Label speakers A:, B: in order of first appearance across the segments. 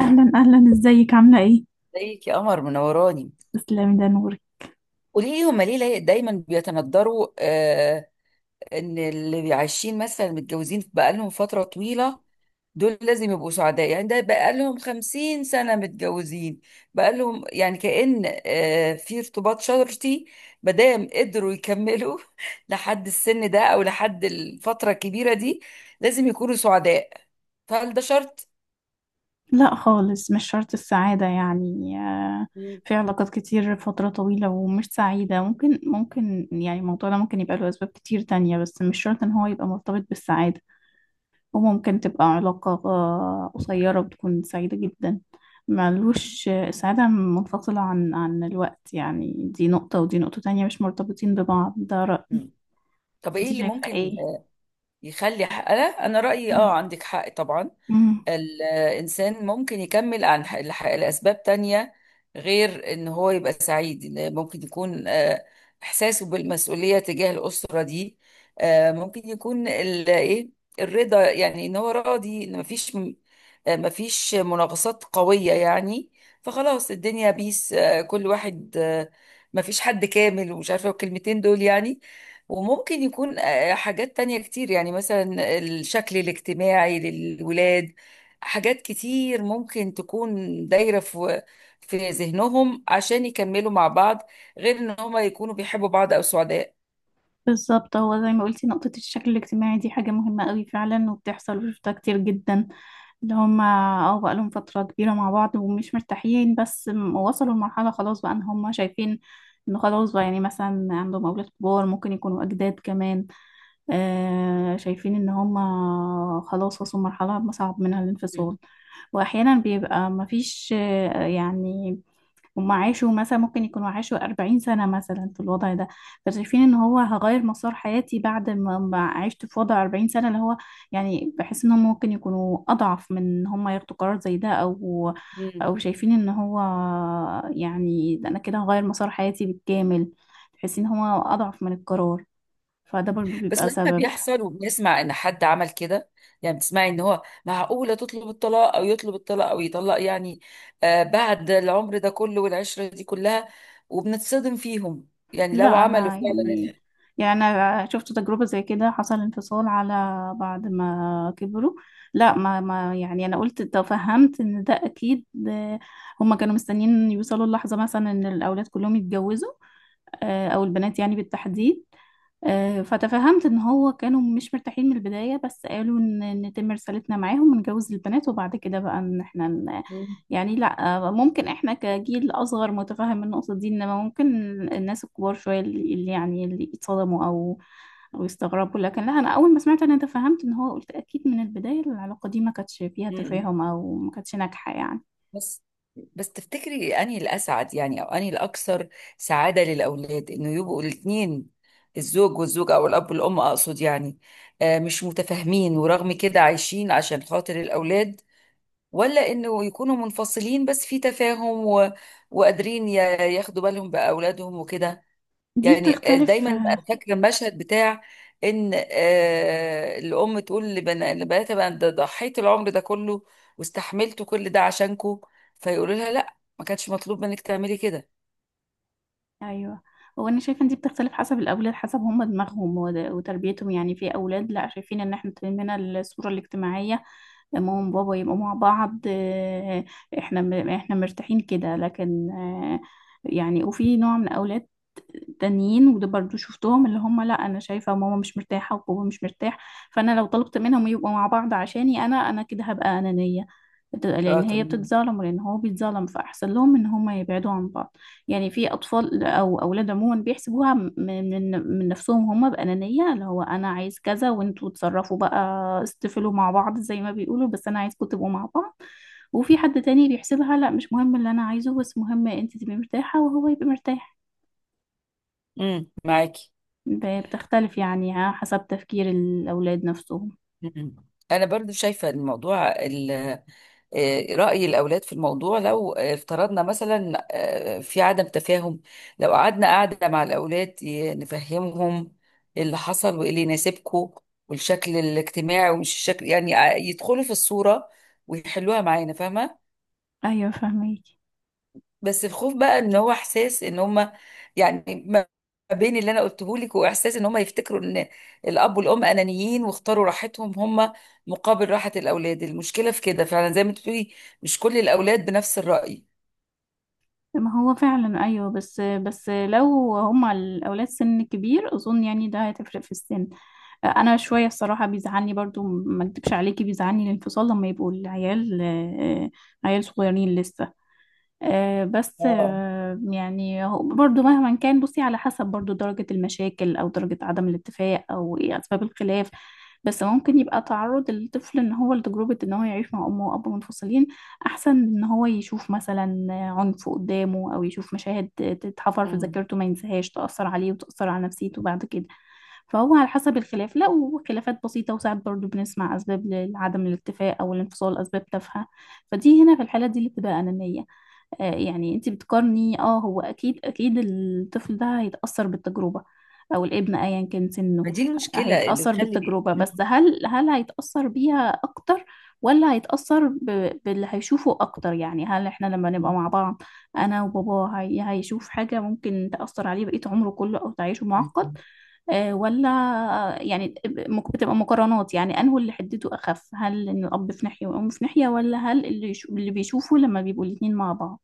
A: اهلا اهلا، ازيك؟ عامله ايه؟
B: ازيك يا قمر، منوراني.
A: تسلمي، ده نوري.
B: قولي لي، هما ليه دايما بيتندروا، ان اللي عايشين مثلا متجوزين بقالهم فترة طويلة، دول لازم يبقوا سعداء. يعني ده بقالهم 50 سنة متجوزين، بقالهم يعني كأن في ارتباط شرطي. مادام قدروا يكملوا لحد السن ده او لحد الفترة الكبيرة دي، لازم يكونوا سعداء. فهل ده شرط؟
A: لا خالص، مش شرط السعاده يعني
B: مم.
A: في علاقات كتير فتره طويله ومش سعيده، ممكن يعني الموضوع ده ممكن يبقى له اسباب كتير تانية، بس مش شرط ان هو يبقى مرتبط بالسعاده. وممكن تبقى علاقه قصيره وتكون سعيده جدا. ملوش السعاده منفصله عن الوقت، يعني دي نقطه ودي نقطه تانية مش مرتبطين ببعض، ده رأيي.
B: مم. طب ايه
A: انت
B: اللي
A: شايفه
B: ممكن
A: ايه؟
B: يخلي حق. انا رأيي، اه، عندك حق طبعا.
A: مم.
B: الإنسان ممكن يكمل عن لأسباب تانية غير إن هو يبقى سعيد. إن ممكن يكون إحساسه بالمسؤولية تجاه الأسرة دي. ممكن يكون إيه، الرضا، يعني إن هو راضي إن مفيش مفيش مناقصات قوية يعني. فخلاص، الدنيا بيس، كل واحد، مفيش حد كامل، ومش عارفة الكلمتين دول يعني. وممكن يكون حاجات تانية كتير، يعني مثلا الشكل الاجتماعي للولاد. حاجات كتير ممكن تكون دايرة في ذهنهم عشان يكملوا مع بعض، غير ان هما يكونوا بيحبوا بعض او سعداء.
A: بالظبط، هو زي ما قلتي نقطة الشكل الاجتماعي دي حاجة مهمة قوي فعلا وبتحصل وشفتها كتير جدا، اللي هما اه بقالهم فترة كبيرة مع بعض ومش مرتاحين، بس وصلوا لمرحلة خلاص، بقى ان هما شايفين انه خلاص، بقى يعني مثلا عندهم أولاد كبار ممكن يكونوا أجداد كمان. آه شايفين ان هما خلاص وصلوا لمرحلة صعب منها الانفصال.
B: مم.
A: وأحيانا بيبقى مفيش يعني هم عاشوا مثلا ممكن يكونوا عاشوا 40 سنة مثلا في الوضع ده. فشايفين ان هو هغير مسار حياتي بعد ما عشت في وضع 40 سنة، اللي هو يعني بحس ان هم ممكن يكونوا اضعف من ان هم ياخدوا قرار زي ده، او
B: مم.
A: شايفين ان هو، يعني ده انا كده هغير مسار حياتي بالكامل، تحسين ان هو اضعف من القرار، فده برضو
B: بس
A: بيبقى
B: لما
A: سبب.
B: بيحصل وبنسمع ان حد عمل كده، يعني بتسمعي ان هو، معقولة تطلب الطلاق او يطلب الطلاق او يطلق، يعني بعد العمر ده كله والعشرة دي كلها، وبنتصدم فيهم. يعني لو
A: لا
B: عملوا
A: انا
B: فعلا.
A: يعني، انا شفت تجربه زي كده، حصل انفصال على بعد ما كبروا. لا ما ما يعني انا قلت تفهمت ان ده اكيد هما كانوا مستنيين يوصلوا اللحظه مثلا ان الاولاد كلهم يتجوزوا او البنات يعني بالتحديد. فتفهمت ان هو كانوا مش مرتاحين من البداية، بس قالوا ان نتم رسالتنا معاهم ونجوز البنات وبعد كده بقى ان احنا
B: مم.
A: يعني لا ممكن احنا كجيل اصغر متفهم النقطة دي، انما ممكن الناس الكبار شوية اللي اللي يعني اللي يتصدموا او يستغربوا، لكن لا، انا اول ما سمعت انا تفهمت ان هو قلت اكيد من البداية العلاقة دي ما كانتش فيها
B: مم.
A: تفاهم او ما كانتش ناجحة يعني.
B: بس بس تفتكري انهي الاسعد، يعني، او انهي الاكثر سعاده للاولاد، انه يبقوا الاثنين، الزوج والزوجه او الاب والام اقصد، يعني مش متفاهمين ورغم كده عايشين عشان خاطر الاولاد، ولا انه يكونوا منفصلين بس في تفاهم و... وقادرين ياخدوا بالهم باولادهم وكده.
A: دي
B: يعني،
A: بتختلف
B: دايما انا فاكره المشهد بتاع ان الام تقول لبناتها، بقى ده ضحيت العمر ده كله واستحملت كل ده عشانكو، فيقولوا لها لا، ما كانش مطلوب منك تعملي كده.
A: ايوه. هو انا شايفه ان دي بتختلف حسب الاولاد، حسب هم دماغهم وتربيتهم، يعني في اولاد لا شايفين ان احنا طالعين الصوره الاجتماعيه، ماما وبابا يبقوا مع بعض احنا احنا مرتاحين كده، لكن يعني. وفي نوع من الاولاد تانيين، وده برضو شفتهم، اللي هم لا انا شايفه ماما مش مرتاحه وبابا مش مرتاح، فانا لو طلبت منهم يبقوا مع بعض عشاني انا كده هبقى انانيه، لان
B: اه،
A: هي
B: تمام.
A: بتتظلم ولان هو بيتظلم، فاحسن لهم ان هم يبعدوا عن بعض. يعني في اطفال او اولاد عموما بيحسبوها من نفسهم، هم بانانيه، اللي هو انا عايز كذا وانتوا اتصرفوا بقى، استفلوا مع بعض زي ما بيقولوا، بس انا عايزكم تبقوا مع بعض. وفي حد تاني بيحسبها لا، مش مهم اللي انا عايزه، بس مهم انت تبقي مرتاحه وهو يبقى مرتاح.
B: معاكي.
A: بتختلف يعني ها حسب تفكير الأولاد نفسهم.
B: مم. انا برضو شايفه الموضوع، رأي الأولاد في الموضوع، لو افترضنا مثلا في عدم تفاهم، لو قعدنا قعدة مع الأولاد نفهمهم اللي حصل، وإيه اللي يناسبكم، والشكل الاجتماعي، ومش الشكل، يعني يدخلوا في الصورة ويحلوها معانا، فاهمة.
A: أيوة فهميكي.
B: بس الخوف بقى إن هو إحساس إن هما، يعني ما بين اللي أنا قلته لك، وإحساس إن هما يفتكروا إن الأب والأم أنانيين واختاروا راحتهم هما مقابل راحة الأولاد. المشكلة في كده فعلا، زي ما أنت بتقولي، مش كل الأولاد بنفس الرأي.
A: ما هو فعلا أيوة، بس لو هما الأولاد سن كبير أظن يعني ده هتفرق في السن. أنا شوية الصراحة بيزعلني برضو، ما أكدبش عليكي، بيزعلني الانفصال لما يبقوا العيال عيال صغيرين لسه. آه، بس
B: اه.
A: آه، يعني هو برضو مهما كان بصي على حسب برضو درجة المشاكل أو درجة عدم الاتفاق أو إيه أسباب الخلاف. بس ممكن يبقى تعرض الطفل إن هو لتجربة إن هو يعيش مع أمه وأبوه منفصلين أحسن من إن هو يشوف مثلا عنف قدامه، أو يشوف مشاهد تتحفر في
B: مم.
A: ذاكرته ما ينساهاش، تأثر عليه وتأثر على نفسيته بعد كده. فهو على حسب الخلاف، لا، وخلافات بسيطة، وساعات برضو بنسمع أسباب لعدم الاتفاق أو الانفصال أسباب تافهة، فدي هنا في الحالة دي اللي بتبقى أنانية. يعني انت بتقارني، اه هو اكيد الطفل ده هيتأثر بالتجربة، او الابن ايا كان سنه
B: ما دي المشكلة اللي
A: هيتأثر
B: تخلي.
A: بالتجربة،
B: مم.
A: بس هل هيتأثر بيها اكتر، ولا هيتأثر باللي هيشوفه اكتر، يعني هل احنا لما نبقى
B: مم.
A: مع بعض انا وبابا هي هيشوف حاجة ممكن تأثر عليه بقية عمره كله او تعيشه معقد
B: مم.
A: ولا، يعني بتبقى مقارنات، يعني انه اللي حدته اخف، هل ان الاب في ناحيه والام في ناحيه، ولا هل اللي بيشوفه لما بيبقوا الاتنين مع بعض،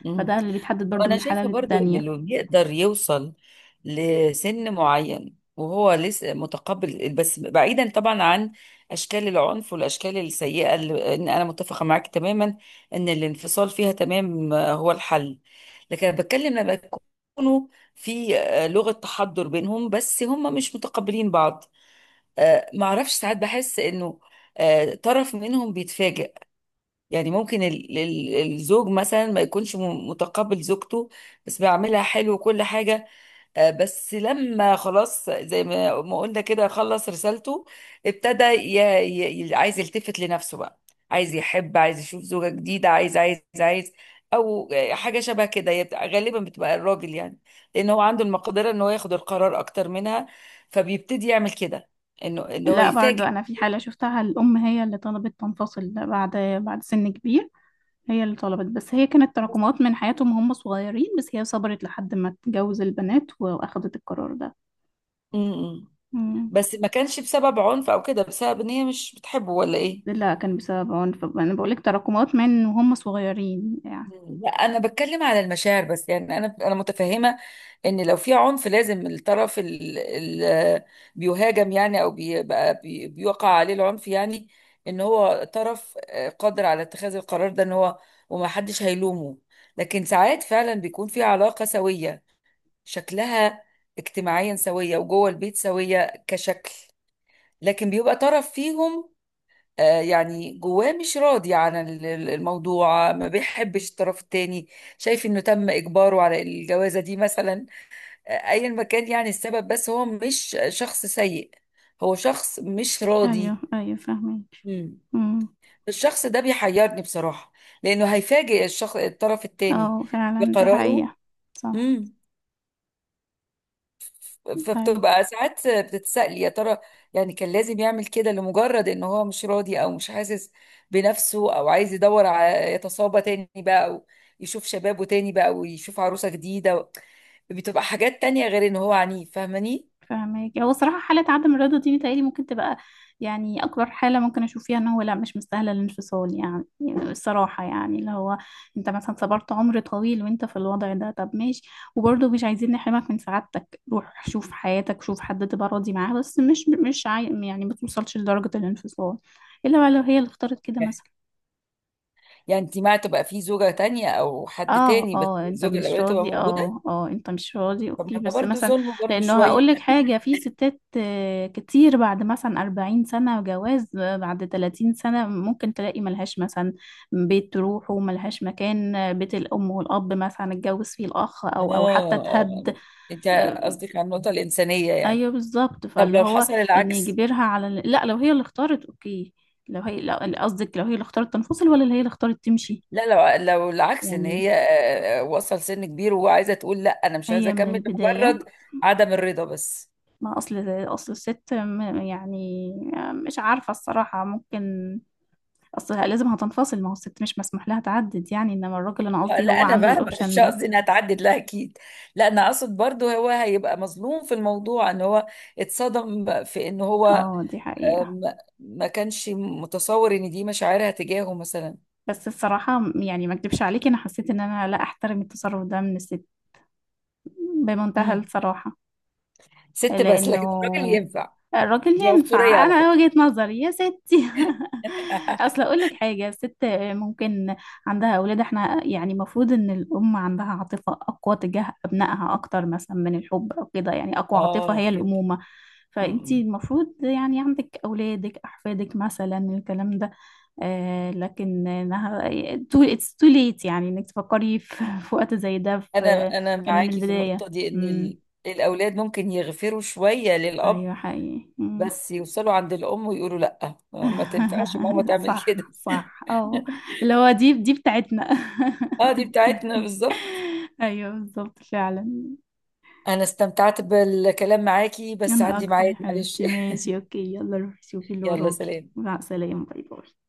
B: مم.
A: فده اللي بيتحدد برضو
B: أنا
A: من حالة
B: شايفة برضو إن
A: للتانية.
B: اللي يقدر يوصل لسن معين وهو لسه متقبل، بس بعيدا طبعا عن أشكال العنف والأشكال السيئة، اللي إن أنا متفقة معاك تماما إن الانفصال فيها تمام، هو الحل. لكن أنا بتكلم لما يكونوا في لغة تحضر بينهم بس هم مش متقبلين بعض. معرفش، ساعات بحس انه طرف منهم بيتفاجئ. يعني ممكن الزوج مثلا ما يكونش متقبل زوجته، بس بيعملها حلو وكل حاجة. بس لما خلاص، زي ما قلنا كده، خلص رسالته، ابتدى عايز يلتفت لنفسه بقى، عايز يحب، عايز يشوف زوجة جديدة، عايز، او حاجة شبه كده. هي غالبا بتبقى الراجل، يعني لان هو عنده المقدرة ان هو ياخد القرار اكتر منها، فبيبتدي يعمل كده، انه ان هو
A: لا برضو
B: يفاجئ.
A: أنا في حالة شفتها الأم هي اللي طلبت تنفصل بعد سن كبير، هي اللي طلبت، بس هي كانت تراكمات من حياتهم وهم صغيرين، بس هي صبرت لحد ما تجوز البنات وأخدت القرار ده.
B: م- م.
A: مم.
B: بس ما كانش بسبب عنف او كده، بسبب ان هي مش بتحبه ولا ايه.
A: لا كان بسبب عنف، أنا بقولك تراكمات من وهم صغيرين يعني.
B: مم. لا، انا بتكلم على المشاعر بس، يعني انا متفهمه ان لو في عنف، لازم الطرف اللي بيهاجم، يعني، او بيبقى بيوقع عليه العنف، يعني ان هو طرف قادر على اتخاذ القرار ده، ان هو وما حدش هيلومه. لكن ساعات فعلا بيكون في علاقه سويه، شكلها اجتماعيا سويه، وجوه البيت سويه، كشكل. لكن بيبقى طرف فيهم يعني جواه مش راضي عن الموضوع، ما بيحبش الطرف التاني، شايف انه تم اجباره على الجوازة دي مثلا، ايا ما كان يعني السبب، بس هو مش شخص سيء، هو شخص مش
A: أيوه
B: راضي.
A: أيوه فاهمك.
B: مم.
A: مم.
B: الشخص ده بيحيرني بصراحة، لانه هيفاجئ الشخص الطرف التاني
A: اه فعلا دي
B: بقراره.
A: حقيقة. صح.
B: امم.
A: أيوه
B: فبتبقى ساعات بتتسألي، يا ترى يعني كان لازم يعمل كده لمجرد ان هو مش راضي، او مش حاسس بنفسه، او عايز يدور على، يتصابى تاني بقى، او يشوف شبابه تاني بقى ويشوف عروسة جديدة، بتبقى حاجات تانية غير ان هو عنيف، فاهماني.
A: فاهمك، هو صراحة حالة عدم الرضا دي متهيألي ممكن تبقى يعني أكبر حالة ممكن أشوف فيها إن هو لا مش مستاهلة الانفصال، يعني الصراحة يعني، اللي هو أنت مثلا صبرت عمر طويل وأنت في الوضع ده، طب ماشي، وبرضه مش عايزين نحرمك من سعادتك، روح شوف حياتك، شوف حد تبقى راضي معاه، بس مش يعني ما توصلش لدرجة الانفصال إلا بقى لو هي اللي اختارت كده مثلا.
B: يعني انت مع تبقى في زوجة تانية او حد
A: اه
B: تاني، بس
A: اه انت
B: الزوجة
A: مش
B: الاولانية تبقى
A: راضي،
B: موجودة؟
A: اه اه انت مش راضي،
B: طب
A: اوكي
B: ما ده
A: بس
B: برضه
A: مثلا،
B: ظلم، برضه
A: لانه
B: شوية.
A: هقولك حاجة، في ستات كتير بعد مثلا 40 سنة جواز بعد 30 سنة ممكن تلاقي ملهاش مثلا بيت تروح، وملهاش مكان بيت الأم والأب مثلا اتجوز فيه الأخ
B: اه.
A: أو أو حتى
B: آه.
A: اتهد.
B: انت
A: آه،
B: قصدك على النقطة الإنسانية يعني.
A: أيوه بالظبط،
B: طب
A: فاللي
B: لو
A: هو
B: حصل
A: إن
B: العكس.
A: يجبرها على لا، لو هي اللي اختارت اوكي، لو هي قصدك لو هي اللي اختارت تنفصل، ولا اللي هي اللي اختارت تمشي.
B: لا، لو العكس ان
A: يعني
B: هي وصل سن كبير وعايزه تقول لا انا مش عايزه
A: هي من
B: اكمل
A: البداية،
B: لمجرد عدم الرضا بس.
A: ما اصل الست يعني مش عارفه الصراحه، ممكن اصل لازم هتنفصل، ما هو الست مش مسموح لها تعدد يعني، انما الراجل انا قصدي
B: لا،
A: هو
B: انا
A: عنده
B: فاهمه. مش
A: الاوبشن ده.
B: قصدي انها تعدد، لا اكيد. لا، انا اقصد برضو هو هيبقى مظلوم في الموضوع، ان هو اتصدم في ان هو
A: اه دي حقيقه.
B: آم، ما كانش متصور ان دي مشاعرها تجاهه مثلا.
A: بس الصراحه يعني ما اكدبش عليكي، انا حسيت ان انا لا احترم التصرف ده من الست، بمنتهى
B: مم.
A: الصراحه.
B: ست بس لكن الراجل
A: لأنه
B: ينفع؟
A: الراجل
B: دي عنصريه
A: ينفع،
B: على
A: أنا
B: فكره.
A: وجهة نظري يا ستي. أصل أقول لك حاجة، الست ممكن عندها أولاد، احنا يعني المفروض إن الأم عندها عاطفة أقوى تجاه أبنائها أكتر مثلا من الحب أو كده، يعني أقوى عاطفة
B: اه،
A: هي
B: فهمت.
A: الأمومة، فأنتي المفروض يعني عندك أولادك أحفادك مثلا الكلام ده، آه لكن إنها it's too late، يعني إنك تفكري في وقت زي ده،
B: انا
A: في
B: انا
A: كان من
B: معاكي في
A: البداية.
B: النقطه دي، ان
A: امم،
B: الاولاد ممكن يغفروا شويه للاب،
A: ايوه حقيقي.
B: بس يوصلوا عند الام ويقولوا لا، ما تنفعش ماما تعمل كده.
A: صح صح اه، اللي هو دي بتاعتنا.
B: اه، دي بتاعتنا بالظبط.
A: ايوه بالظبط فعلا.
B: انا استمتعت بالكلام معاكي بس
A: انا
B: عندي
A: اكتر يا
B: ميعاد، معلش.
A: حبيبتي، ماشي اوكي، يلا روحي شوفي اللي
B: يلا،
A: وراكي.
B: سلام.
A: مع السلامة، باي باي.